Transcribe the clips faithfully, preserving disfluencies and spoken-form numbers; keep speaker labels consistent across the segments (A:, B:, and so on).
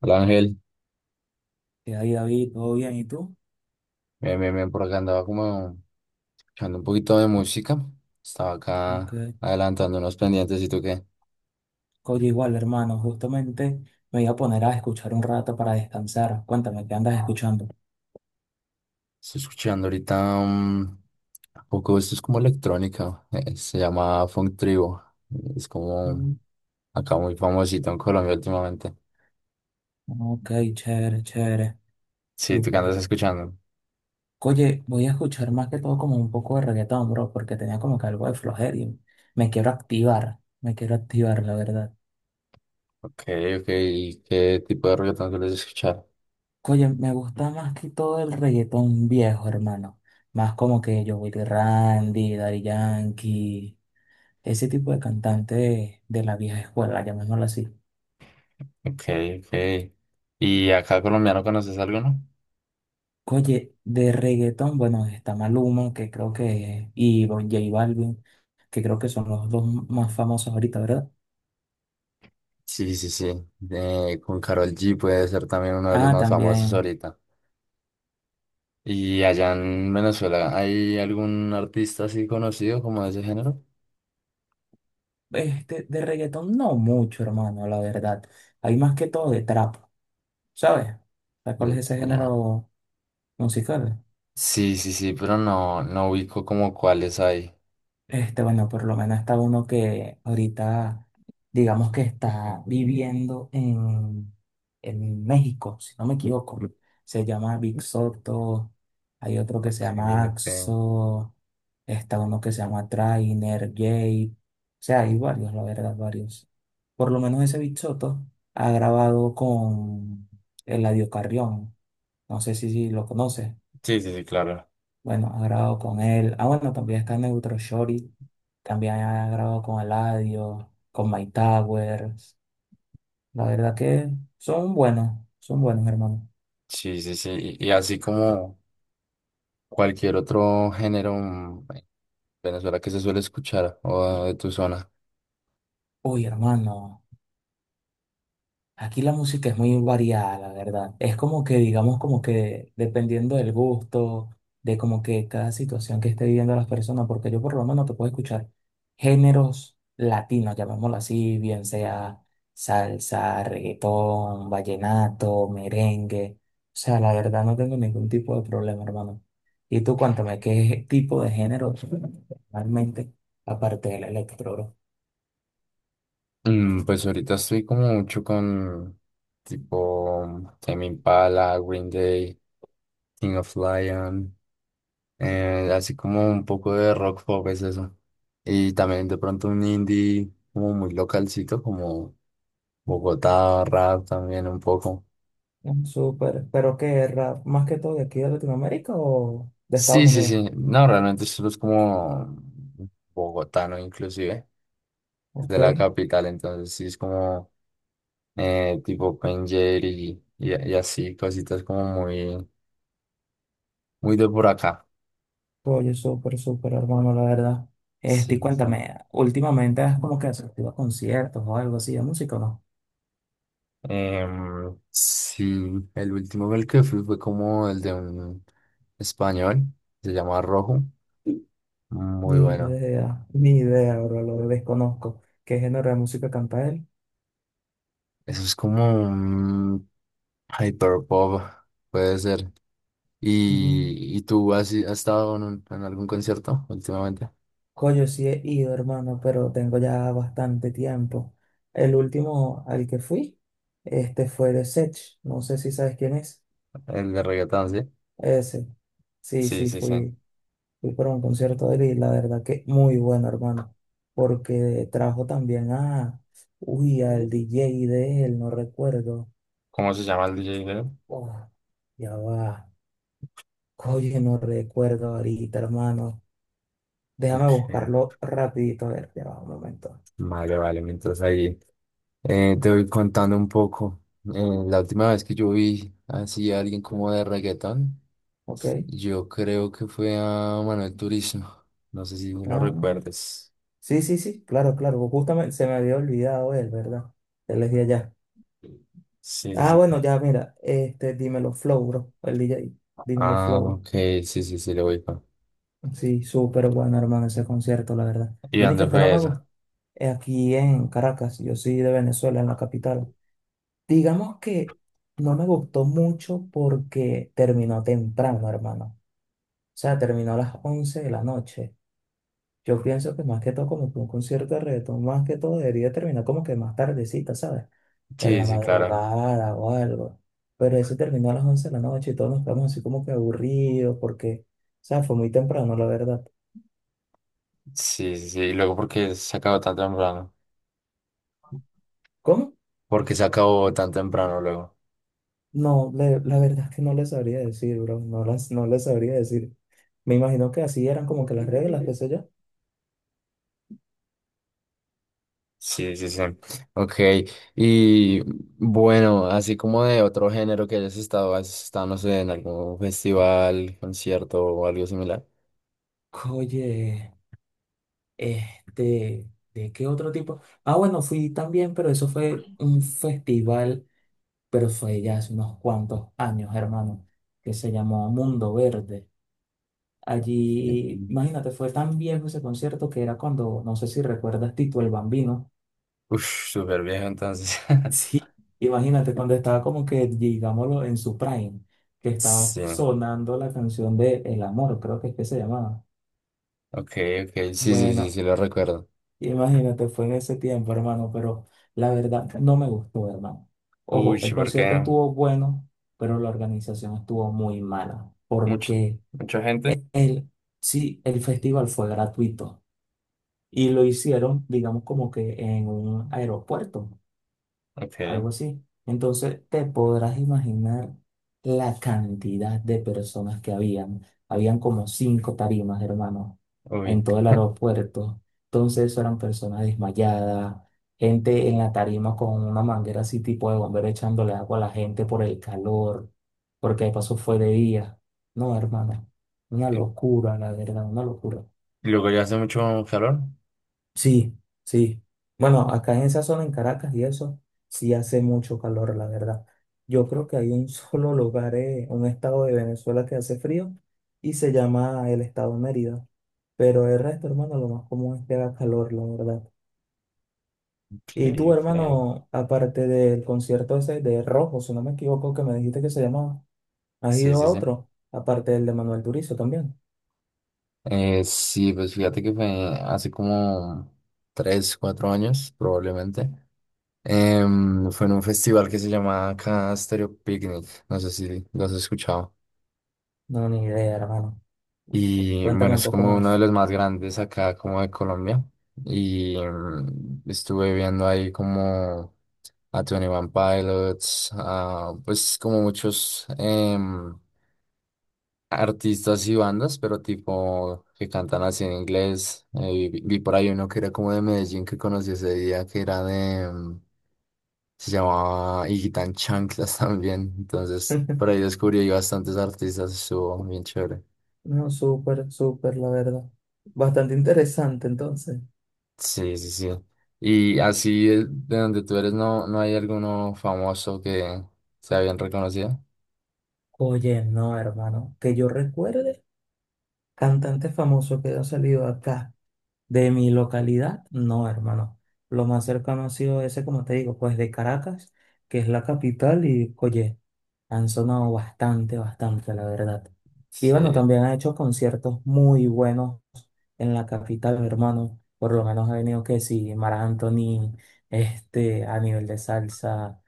A: Hola Ángel,
B: Y ahí, David, todo bien, ¿y tú?
A: bien, bien, bien, por acá andaba como escuchando un poquito de música. Estaba acá
B: Ok.
A: adelantando unos pendientes. ¿Y tú qué?
B: Oye, igual, hermano, justamente me voy a poner a escuchar un rato para descansar. Cuéntame, ¿qué andas escuchando?
A: Estoy escuchando ahorita um, un poco. Esto es como electrónica, eh, se llama Funk Tribo. Es como
B: Mm,
A: acá muy famosito en Colombia últimamente.
B: ok, chévere, chévere,
A: Sí, ¿tú qué
B: súper.
A: andas escuchando?
B: Oye, voy a escuchar más que todo como un poco de reggaetón, bro, porque tenía como que algo de flojera y me quiero activar, me quiero activar, la verdad.
A: Ok, ok, ¿y qué tipo de reggaetón sueles escuchar?
B: Oye, me gusta más que todo el reggaetón viejo, hermano. Más como que Joey Randy, Daddy Yankee. Ese tipo de cantante de, de la vieja escuela, llamémoslo así.
A: Ok, ok. ¿Y acá colombiano conoces algo, no?
B: Oye, de reggaetón, bueno, está Maluma, que creo que, y Don J Balvin, que creo que son los dos más famosos ahorita, ¿verdad?
A: Sí, sí, sí. Eh, con Karol G puede ser también uno de los
B: Ah,
A: más famosos
B: también,
A: ahorita. ¿Y allá en Venezuela hay algún artista así conocido como de ese género?
B: este, de reggaetón no mucho, hermano, la verdad. Hay más que todo de trap, ¿sabes? ¿Sabes cuál
A: De
B: es ese
A: tra-
B: género musical?
A: Sí, sí, sí, pero no, no ubico como cuáles hay.
B: Este, bueno, por lo menos está uno que ahorita, digamos que está viviendo en, en México, si no me equivoco. Se llama Big Soto, hay
A: Ok,
B: otro que se llama
A: ok.
B: Axo, está uno que se llama Trainer, Jay. O sea, hay varios, la verdad, varios. Por lo menos ese Big Soto ha grabado con Eladio Carrión. No sé si, si lo conoces.
A: Sí, sí, sí, claro.
B: Bueno, ha grabado con él. Ah, bueno, también está Neutro Shorty. También ha grabado con Eladio, con My Towers. La verdad que son buenos, son buenos, hermano.
A: Sí, sí, sí. Y, y así como cualquier otro género mm, en Venezuela que se suele escuchar o de tu zona.
B: Uy, hermano. Aquí la música es muy variada, la verdad. Es como que, digamos, como que dependiendo del gusto, de como que cada situación que esté viviendo las personas, porque yo por lo menos te puedo escuchar géneros latinos, llamémoslo así, bien sea salsa, reggaetón, vallenato, merengue. O sea, la verdad no tengo ningún tipo de problema, hermano. Y tú cuéntame, ¿qué tipo de género realmente, aparte del electro, bro?
A: Mm, Pues ahorita estoy como mucho con tipo Tame Impala, Green Day, King of Lion, eh, así como un poco de rock pop es eso. Y también de pronto un indie como muy localcito, como Bogotá, rap también un poco.
B: Mm, súper, pero qué rap, más que todo de aquí de Latinoamérica o de
A: Sí,
B: Estados
A: sí,
B: Unidos.
A: sí. No, realmente solo es como bogotano inclusive, es de
B: Ok,
A: la capital, entonces sí es como eh, tipo Pen y, y, y así, cositas como muy, muy de por acá.
B: oye, súper, súper, hermano, la verdad. Este,
A: Sí,
B: y
A: sí.
B: cuéntame, ¿últimamente has como que asistido a conciertos o algo así de música o no?
A: Em, sí, el último el que fui fue como el de un español, se llama Rojo. Muy
B: Ni
A: bueno.
B: idea, ni idea, bro, lo desconozco. ¿Qué género de música canta él?
A: Eso es como un Hyperpop, puede ser.
B: Mm.
A: ¿Y, y tú has, has estado en, un- en algún concierto últimamente?
B: Coño, sí he ido, hermano, pero tengo ya bastante tiempo. El último al que fui, este fue de Sech, no sé si sabes quién es.
A: ¿El de reggaetón, sí?
B: Ese. Sí,
A: Sí,
B: sí,
A: sí, sí.
B: fui. Fui para un concierto de él y la verdad que muy bueno, hermano, porque trajo también a, uy, al D J de él, no recuerdo.
A: ¿Cómo se llama el D J de él?
B: Oh, ya va. Oye, no recuerdo ahorita, hermano. Déjame
A: Ok,
B: buscarlo rapidito, a ver, ya va un momento.
A: vale, vale, mientras ahí eh, te voy contando un poco. Eh, la última vez que yo vi así a alguien como de reggaetón,
B: ¿Ok?
A: yo creo que fue a Manuel Turizo. No sé si lo
B: Ah,
A: recuerdes.
B: sí, sí, sí, claro, claro. Justamente se me había olvidado él, ¿verdad? Él es de allá.
A: Sí, sí,
B: Ah,
A: sí.
B: bueno, ya, mira, este, dímelo Flow, bro, el D J, dímelo
A: Ah,
B: Flow.
A: ok, sí, sí, sí, lo ubico.
B: Sí, súper bueno, hermano, ese concierto, la verdad.
A: ¿Y
B: Lo
A: dónde
B: único que no
A: fue
B: me
A: eso?
B: gusta es aquí en Caracas. Yo soy de Venezuela, en la capital. Digamos que no me gustó mucho porque terminó temprano, hermano. O sea, terminó a las once de la noche. Yo pienso que más que todo, como que un concierto de reggaetón, más que todo debería terminar como que más tardecita, ¿sabes? En
A: Sí,
B: la
A: sí, claro.
B: madrugada o algo. Pero ese terminó a las once de la noche y todos nos quedamos así como que aburridos porque, o sea, fue muy temprano, la verdad.
A: Sí, sí, sí. Y luego, ¿por qué se acabó tan temprano?
B: ¿Cómo?
A: ¿Por qué se acabó tan temprano luego?
B: No, le- La verdad es que no le sabría decir, bro. No las, no le sabría decir. Me imagino que así eran como que las reglas, qué sé yo.
A: Sí, sí, sí. Ok. Y bueno, así como de otro género que hayas estado, has estado, no sé, en algún festival, concierto o algo similar.
B: Oye, este, ¿de qué otro tipo? Ah, bueno, fui también, pero eso fue un festival, pero fue ya hace unos cuantos años, hermano, que se llamó Mundo Verde.
A: Sí.
B: Allí, imagínate, fue tan viejo ese concierto que era cuando, no sé si recuerdas, Tito el Bambino.
A: Uf, súper viejo entonces.
B: Sí, imagínate cuando estaba como que, digámoslo, en su prime, que estaba
A: Sí, ok,
B: sonando la canción de El Amor, creo que es que se llamaba.
A: ok. Sí, sí, sí,
B: Bueno,
A: sí, lo recuerdo.
B: imagínate, fue en ese tiempo, hermano, pero la verdad no me gustó, hermano.
A: Uy,
B: Ojo,
A: sí,
B: el concierto
A: porque
B: estuvo bueno, pero la organización estuvo muy mala,
A: mucho,
B: porque
A: mucha gente.
B: el, sí, el festival fue gratuito y lo hicieron, digamos, como que en un aeropuerto,
A: Ok,
B: algo así. Entonces te podrás imaginar la cantidad de personas que habían. Habían como cinco tarimas, hermano, en
A: uy.
B: todo el aeropuerto. Entonces eso eran personas desmayadas, gente en la tarima con una manguera así tipo de bombero echándole agua a la gente por el calor, porque de paso fue de día. No, hermano, una
A: Y
B: locura, la verdad, una locura.
A: luego ya hace mucho calor.
B: Sí, sí. Bueno, acá en esa zona, en Caracas y eso, sí hace mucho calor, la verdad. Yo creo que hay un solo lugar, eh, un estado de Venezuela que hace frío y se llama el estado Mérida. Pero el resto, hermano, lo más común es que haga calor, la verdad.
A: Ok,
B: Y tú,
A: ok.
B: hermano, aparte del concierto ese de Rojo, si no me equivoco, que me dijiste que se llamaba, ¿has
A: Sí,
B: ido
A: sí,
B: a
A: sí.
B: otro? Aparte del de Manuel Turizo también.
A: Eh, sí, pues fíjate que fue hace como tres, cuatro años, probablemente. Em, fue en un festival que se llama acá Stereo Picnic. No sé si lo has escuchado.
B: No, ni idea, hermano.
A: Y
B: Cuéntame
A: bueno,
B: un
A: es
B: poco
A: como uno de
B: más.
A: los más grandes acá, como de Colombia. Y em, estuve viendo ahí como a veintiuno Pilots, a, pues como muchos. em, artistas y bandas, pero tipo que cantan así en inglés. Eh, vi, vi por ahí uno que era como de Medellín que conocí ese día, que era de, mm, se llamaba Higuitán Chanclas también. Entonces, por ahí descubrí ahí bastantes artistas, estuvo bien chévere.
B: No, súper, súper, la verdad. Bastante interesante, entonces.
A: Sí, sí, sí. Y así de de donde tú eres, ¿no, no hay alguno famoso que sea bien reconocido?
B: Oye, no, hermano, que yo recuerde, cantante famoso que ha salido acá, de mi localidad, no, hermano. Lo más cercano ha sido ese, como te digo, pues de Caracas, que es la capital, y oye, han sonado bastante, bastante, la verdad. Y bueno,
A: Sí.
B: también ha hecho conciertos muy buenos en la capital, hermano. Por lo menos ha venido que sí, Mara Anthony, este, a nivel de salsa.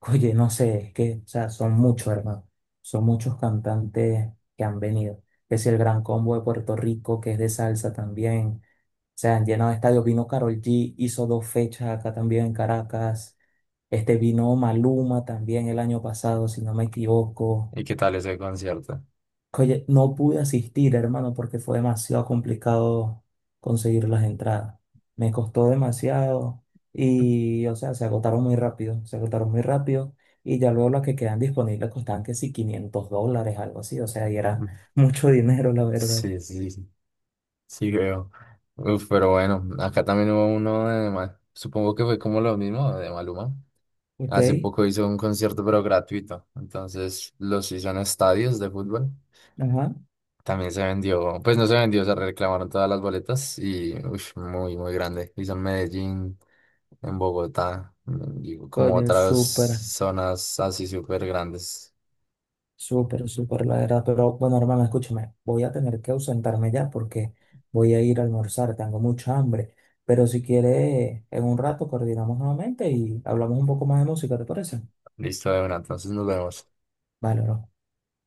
B: Oye, no sé, es que, o sea, son muchos, hermano. Son muchos cantantes que han venido. Es el Gran Combo de Puerto Rico, que es de salsa también. Se han llenado de estadios. Vino Karol G, hizo dos fechas acá también en Caracas. Este vino Maluma también el año pasado, si no me equivoco.
A: ¿Y qué tal ese concierto?
B: Oye, no pude asistir, hermano, porque fue demasiado complicado conseguir las entradas. Me costó demasiado y, o sea, se agotaron muy rápido, se agotaron muy rápido y ya luego las que quedan disponibles costaban que sí, quinientos dólares, algo así, o sea, y era mucho dinero, la verdad.
A: Sí, sí. Sí, creo. Uf, pero bueno, acá también hubo uno de mal, supongo que fue como lo mismo de Maluma.
B: Ok,
A: Hace poco hizo un concierto, pero gratuito. Entonces los hizo en estadios de fútbol.
B: ajá.
A: También se vendió, pues no se vendió, se reclamaron todas las boletas y uff, muy, muy grande. Hizo en Medellín, en Bogotá, mm, y como
B: Oye,
A: otras
B: súper.
A: zonas así súper grandes.
B: Súper, súper, la verdad. Pero bueno, hermano, escúchame, voy a tener que ausentarme ya porque voy a ir a almorzar, tengo mucha hambre. Pero si quieres, en un rato coordinamos nuevamente y hablamos un poco más de música, ¿te parece?
A: Listo, de una, entonces nos vemos.
B: Vale, bro.